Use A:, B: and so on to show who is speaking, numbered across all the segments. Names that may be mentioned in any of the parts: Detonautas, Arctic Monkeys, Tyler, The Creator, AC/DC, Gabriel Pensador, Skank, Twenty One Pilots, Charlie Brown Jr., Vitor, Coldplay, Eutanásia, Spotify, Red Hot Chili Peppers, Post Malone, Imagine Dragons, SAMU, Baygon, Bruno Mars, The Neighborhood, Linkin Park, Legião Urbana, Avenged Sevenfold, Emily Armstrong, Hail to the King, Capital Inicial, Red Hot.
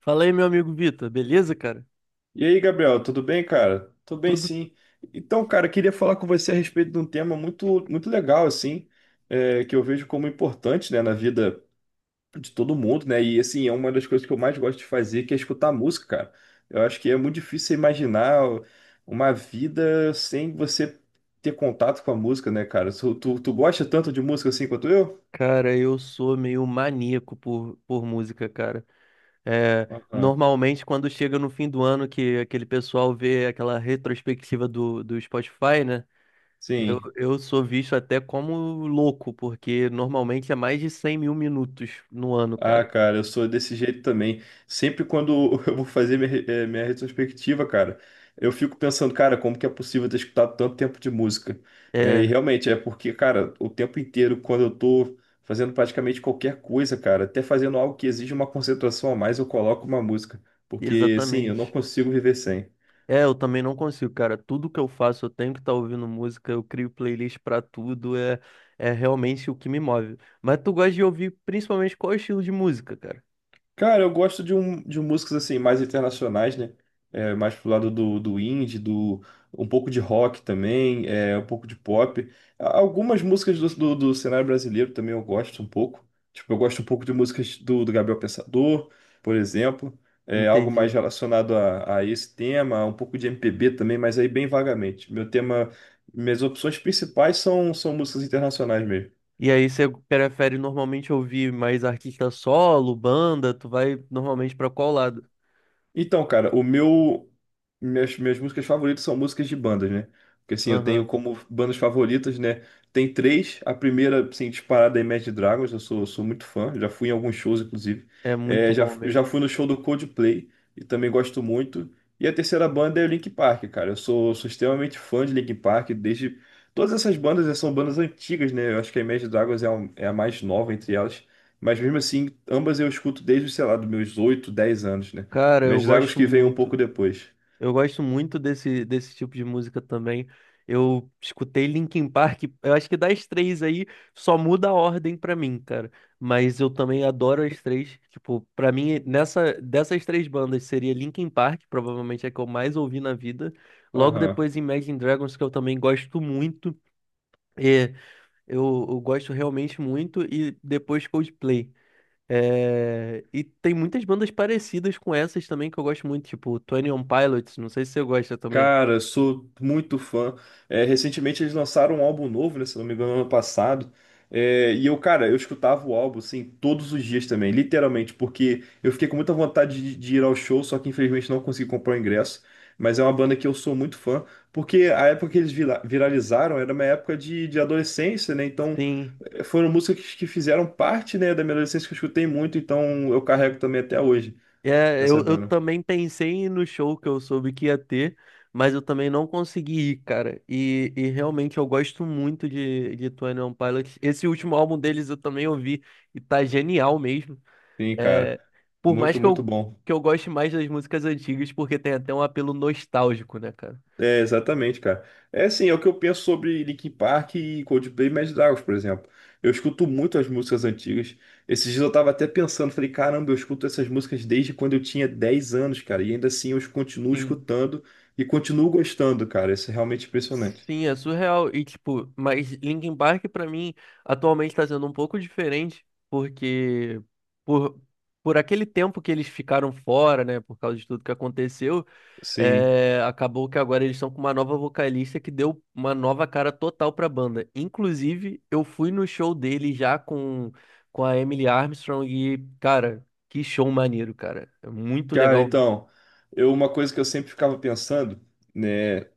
A: Fala aí, meu amigo Vitor, beleza, cara?
B: E aí, Gabriel, tudo bem, cara? Tudo bem,
A: Tudo.
B: sim. Então, cara, queria falar com você a respeito de um tema muito, muito legal, assim, que eu vejo como importante, né, na vida de todo mundo, né? E, assim, é uma das coisas que eu mais gosto de fazer, que é escutar música, cara. Eu acho que é muito difícil você imaginar uma vida sem você ter contato com a música, né, cara? Tu gosta tanto de música assim quanto eu?
A: Cara, eu sou meio maníaco por música, cara. É,
B: Aham.
A: normalmente, quando chega no fim do ano, que aquele pessoal vê aquela retrospectiva do Spotify, né? Eu,
B: Sim.
A: eu sou visto até como louco, porque normalmente é mais de 100.000 minutos no ano,
B: Ah,
A: cara.
B: cara, eu sou desse jeito também. Sempre quando eu vou fazer minha, minha retrospectiva, cara, eu fico pensando, cara, como que é possível ter escutado tanto tempo de música? E
A: É,
B: realmente é porque, cara, o tempo inteiro, quando eu tô fazendo praticamente qualquer coisa, cara, até fazendo algo que exige uma concentração a mais, eu coloco uma música. Porque, sim, eu não
A: exatamente.
B: consigo viver sem.
A: É, eu também não consigo, cara. Tudo que eu faço, eu tenho que estar ouvindo música, eu crio playlist pra tudo, é, é realmente o que me move. Mas tu gosta de ouvir principalmente qual estilo de música, cara?
B: Cara, eu gosto de, de músicas assim mais internacionais, né? É, mais pro lado do, do indie, do um pouco de rock também, é, um pouco de pop. Algumas músicas do cenário brasileiro também eu gosto um pouco. Tipo, eu gosto um pouco de músicas do Gabriel Pensador, por exemplo. É, algo mais
A: Entendi.
B: relacionado a esse tema, um pouco de MPB também, mas aí bem vagamente. Meu tema, minhas opções principais são músicas internacionais mesmo.
A: E aí você prefere normalmente ouvir mais artista solo, banda? Tu vai normalmente pra qual lado?
B: Então, cara, o meu minhas músicas favoritas são músicas de bandas, né? Porque assim, eu tenho
A: Aham.
B: como bandas favoritas, né? Tem três. A primeira, assim, disparada é Imagine Dragons. Eu sou muito fã. Já fui em alguns shows, inclusive.
A: É muito
B: É,
A: bom
B: já
A: mesmo.
B: fui no show do Coldplay e também gosto muito. E a terceira banda é o Linkin Park, cara. Eu sou extremamente fã de Linkin Park desde. Todas essas bandas são bandas antigas, né? Eu acho que a Imagine Dragons é a mais nova entre elas. Mas mesmo assim, ambas eu escuto desde, sei lá, dos meus 8, 10 anos, né?
A: Cara, eu
B: Meus Dragons
A: gosto
B: que veio um pouco
A: muito.
B: depois.
A: Eu gosto muito desse tipo de música também. Eu escutei Linkin Park, eu acho que das três aí só muda a ordem pra mim, cara. Mas eu também adoro as três. Tipo, pra mim, dessas três bandas seria Linkin Park, provavelmente é a que eu mais ouvi na vida. Logo
B: Aham.
A: depois Imagine Dragons, que eu também gosto muito. É, eu gosto realmente muito. E depois Coldplay. É, e tem muitas bandas parecidas com essas também que eu gosto muito, tipo Twenty One Pilots, não sei se você gosta também.
B: Cara, sou muito fã. É, recentemente eles lançaram um álbum novo, né? Se não me engano, ano passado. É, e eu, cara, eu escutava o álbum, assim, todos os dias também, literalmente, porque eu fiquei com muita vontade de ir ao show, só que infelizmente não consegui comprar o ingresso. Mas é uma banda que eu sou muito fã, porque a época que eles viralizaram era uma época de adolescência, né? Então
A: Sim,
B: foram músicas que fizeram parte, né, da minha adolescência que eu escutei muito, então eu carrego também até hoje
A: é,
B: essa
A: eu
B: banda.
A: também pensei em ir no show que eu soube que ia ter, mas eu também não consegui ir, cara. E realmente eu gosto muito de Twenty One Pilots. Esse último álbum deles eu também ouvi e tá genial mesmo.
B: Sim, cara.
A: É, por mais
B: Muito, muito bom.
A: que eu goste mais das músicas antigas, porque tem até um apelo nostálgico, né, cara?
B: É, exatamente, cara. É assim, é o que eu penso sobre Linkin Park e Coldplay e Imagine Dragons, por exemplo. Eu escuto muito as músicas antigas. Esses dias eu tava até pensando, falei, caramba, eu escuto essas músicas desde quando eu tinha 10 anos, cara. E ainda assim eu continuo
A: Sim.
B: escutando e continuo gostando, cara. Isso é realmente impressionante.
A: Sim, é surreal. E, tipo, mas Linkin Park, pra mim, atualmente tá sendo um pouco diferente, porque por, por aquele tempo que eles ficaram fora, né, por causa de tudo que aconteceu,
B: Sim.
A: é, acabou que agora eles estão com uma nova vocalista que deu uma nova cara total pra banda. Inclusive, eu fui no show dele já com a Emily Armstrong e, cara, que show maneiro, cara. É muito
B: Cara,
A: legal mesmo.
B: então, eu, uma coisa que eu sempre ficava pensando, né?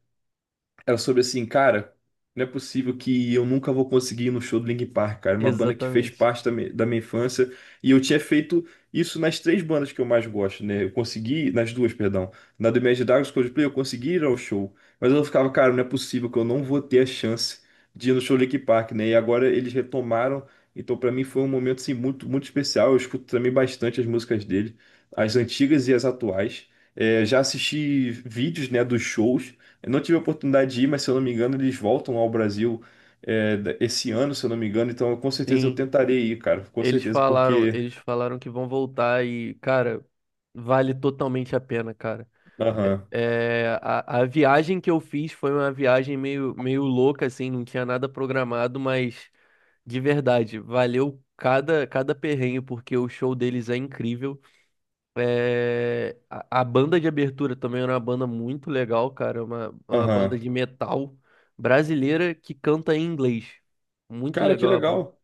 B: Era sobre assim, cara, não é possível que eu nunca vou conseguir ir no show do Linkin Park, cara. É uma banda que fez
A: Exatamente.
B: parte da minha infância. E eu tinha feito isso nas três bandas que eu mais gosto, né? Eu consegui, nas duas, perdão. Na do Imagine Dragons, Coldplay, eu consegui ir ao show. Mas eu ficava, cara, não é possível que eu não vou ter a chance de ir no show do Linkin Park, né? E agora eles retomaram. Então, pra mim, foi um momento, assim, muito, muito especial. Eu escuto também bastante as músicas dele, as antigas e as atuais. É, já assisti vídeos, né, dos shows. Eu não tive a oportunidade de ir, mas se eu não me engano, eles voltam ao Brasil esse ano, se eu não me engano. Então, com certeza eu
A: Sim.
B: tentarei ir, cara. Com certeza, porque.
A: Eles falaram que vão voltar e, cara, vale totalmente a pena, cara. É,
B: Aham,
A: é, a viagem que eu fiz foi uma viagem meio, meio louca, assim, não tinha nada programado, mas de verdade, valeu cada, cada perrengue, porque o show deles é incrível. É, a banda de abertura também era uma banda muito legal, cara, uma banda
B: aham.
A: de metal brasileira que canta em inglês. Muito
B: Cara, que
A: legal a banda,
B: legal.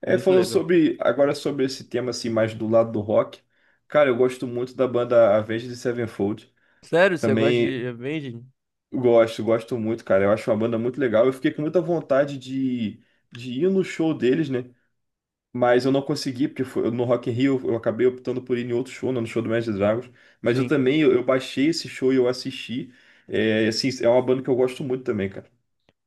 B: É,
A: muito
B: falando
A: legal.
B: sobre. Agora sobre esse tema, assim, mais do lado do rock. Cara, eu gosto muito da banda Avenged Sevenfold.
A: Sério, você gosta
B: Também
A: de Avenged?
B: gosto muito, cara. Eu acho uma banda muito legal. Eu fiquei com muita vontade de ir no show deles, né? Mas eu não consegui, porque no Rock in Rio eu acabei optando por ir em outro show, não no show do Imagine Dragons. Mas eu
A: Sim.
B: também, eu baixei esse show e eu assisti. É, assim, é uma banda que eu gosto muito também, cara.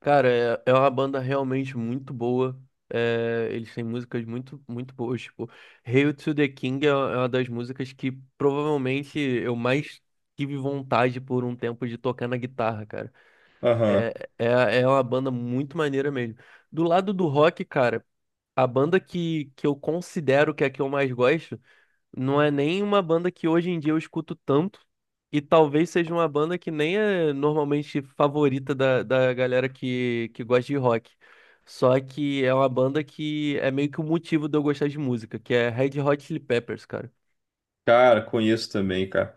A: Cara, é, é uma banda realmente muito boa. É, eles têm músicas muito, muito boas. Tipo, Hail to the King é uma das músicas que provavelmente eu mais tive vontade por um tempo de tocar na guitarra, cara.
B: Aham.
A: É, é, é uma banda muito maneira mesmo. Do lado do rock, cara, a banda que eu considero que é a que eu mais gosto. Não é nem uma banda que hoje em dia eu escuto tanto. E talvez seja uma banda que nem é normalmente favorita da galera que gosta de rock. Só que é uma banda que é meio que o motivo de eu gostar de música, que é Red Hot Chili Peppers, cara.
B: Cara, conheço também, cara.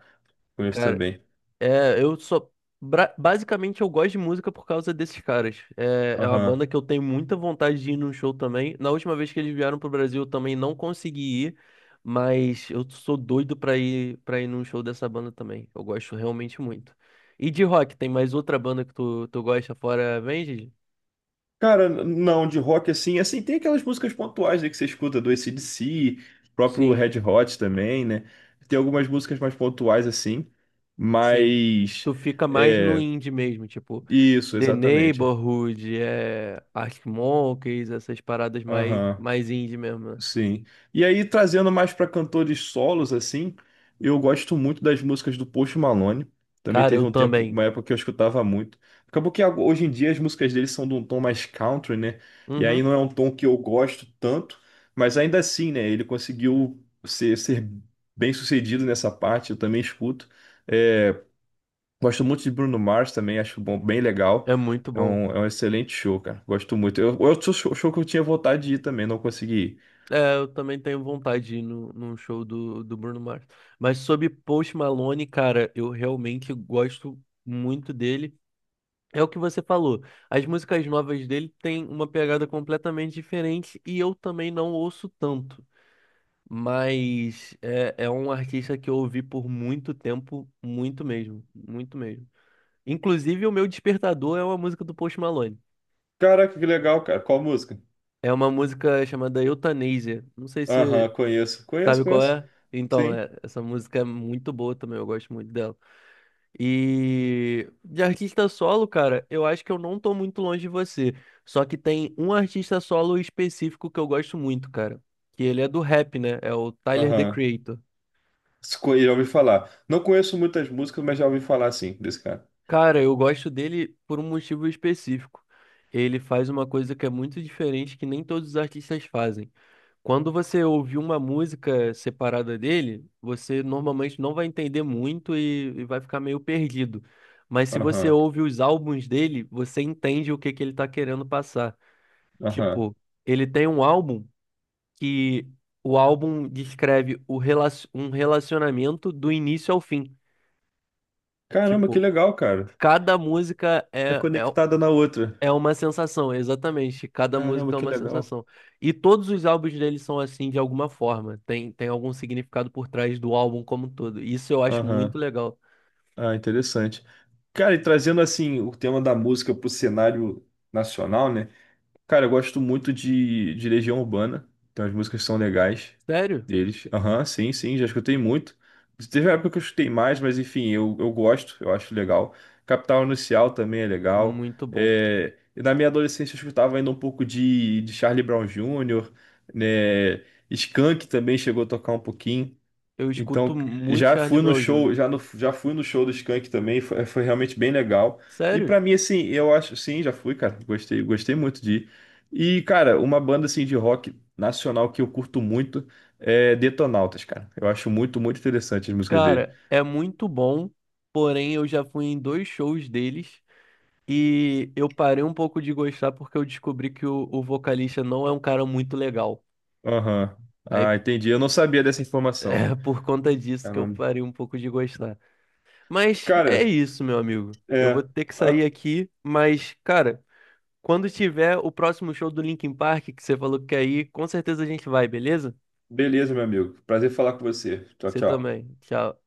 B: Conheço
A: Cara,
B: também.
A: é, eu só. Basicamente, eu gosto de música por causa desses caras. É, é uma
B: Aham.
A: banda que eu tenho muita vontade de ir num show também. Na última vez que eles vieram pro Brasil, eu também não consegui ir, mas eu sou doido pra ir, num show dessa banda também. Eu gosto realmente muito. E de rock, tem mais outra banda que tu gosta fora Avenged?
B: Cara, não, de rock assim, assim, tem aquelas músicas pontuais, né, que você escuta do AC/DC, próprio
A: Sim,
B: Red Hot também, né? Tem algumas músicas mais pontuais assim,
A: sim.
B: mas...
A: Tu fica mais no
B: É,
A: indie mesmo, tipo
B: isso,
A: The
B: exatamente.
A: Neighborhood, é, Arctic Monkeys, essas paradas mais,
B: Aham.
A: mais indie mesmo, né?
B: Sim. E aí, trazendo mais para cantores solos, assim, eu gosto muito das músicas do Post Malone. Também
A: Cara,
B: teve
A: eu
B: um tempo,
A: também.
B: uma época que eu escutava muito. Acabou que hoje em dia as músicas dele são de um tom mais country, né? E aí
A: Uhum,
B: não é um tom que eu gosto tanto, mas ainda assim, né? Ele conseguiu ser bem sucedido nessa parte, eu também escuto. É, gosto muito de Bruno Mars também, acho bom, bem legal.
A: é muito bom.
B: É um excelente show, cara. Gosto muito. Eu, outro show que eu tinha vontade de ir também, não consegui ir.
A: É, eu também tenho vontade de ir no, num show do Bruno Mars. Mas sobre Post Malone, cara, eu realmente gosto muito dele. É o que você falou. As músicas novas dele têm uma pegada completamente diferente e eu também não ouço tanto. Mas é, é um artista que eu ouvi por muito tempo, muito mesmo, muito mesmo. Inclusive, o meu despertador é uma música do Post Malone.
B: Caraca, que legal, cara. Qual música?
A: É uma música chamada Eutanásia. Não sei
B: Aham,
A: se
B: conheço. Conheço,
A: sabe qual
B: conheço.
A: é. Então,
B: Sim.
A: é, essa música é muito boa também, eu gosto muito dela. E de artista solo, cara, eu acho que eu não tô muito longe de você. Só que tem um artista solo específico que eu gosto muito, cara. Que ele é do rap, né? É o Tyler, The
B: Aham.
A: Creator.
B: Se conhe- Já ouvi falar. Não conheço muitas músicas, mas já ouvi falar, sim, desse cara.
A: Cara, eu gosto dele por um motivo específico. Ele faz uma coisa que é muito diferente que nem todos os artistas fazem. Quando você ouvir uma música separada dele, você normalmente não vai entender muito e vai ficar meio perdido. Mas se você
B: Aham,
A: ouve os álbuns dele, você entende o que que ele tá querendo passar.
B: aham.
A: Tipo, ele tem um álbum que o álbum descreve um relacionamento do início ao fim.
B: Caramba, que
A: Tipo,
B: legal, cara.
A: cada música
B: É
A: é
B: conectada na outra.
A: é uma sensação, exatamente. Cada
B: Caramba,
A: música é
B: que
A: uma
B: legal.
A: sensação. E todos os álbuns dele são assim de alguma forma. Tem algum significado por trás do álbum como um todo. Isso eu acho muito
B: Aham.
A: legal.
B: Ah, interessante. Cara, e trazendo, assim, o tema da música pro cenário nacional, né? Cara, eu gosto muito de Legião Urbana, então as músicas são legais
A: Sério?
B: deles. Aham, sim, sim, já escutei muito. Teve uma época que eu escutei mais, mas enfim, eu gosto, eu acho legal. Capital Inicial também é
A: É
B: legal.
A: muito bom.
B: É, e na minha adolescência eu escutava ainda um pouco de Charlie Brown Jr., né? Skank também chegou a tocar um pouquinho.
A: Eu escuto
B: Então,
A: muito
B: já
A: Charlie
B: fui no
A: Brown
B: show,
A: Jr.
B: já fui no show do Skank também, foi realmente bem legal. E
A: Sério?
B: pra mim, assim, eu acho, sim, já fui, cara, gostei, gostei muito de ir. E, cara, uma banda, assim, de rock nacional que eu curto muito é Detonautas, cara. Eu acho muito, muito interessante as músicas dele.
A: Cara, é muito bom. Porém, eu já fui em 2 shows deles e eu parei um pouco de gostar porque eu descobri que o vocalista não é um cara muito legal.
B: Aham.
A: Aí
B: Ah, entendi. Eu não sabia dessa informação.
A: é por conta disso que eu
B: Caramba.
A: parei um pouco de gostar. Mas é
B: Cara,
A: isso, meu amigo. Eu vou
B: é...
A: ter que
B: ah,
A: sair aqui, mas, cara, quando tiver o próximo show do Linkin Park, que você falou que quer ir, com certeza a gente vai, beleza?
B: beleza, meu amigo. Prazer falar com você. Tchau,
A: Você
B: tchau.
A: também. Tchau.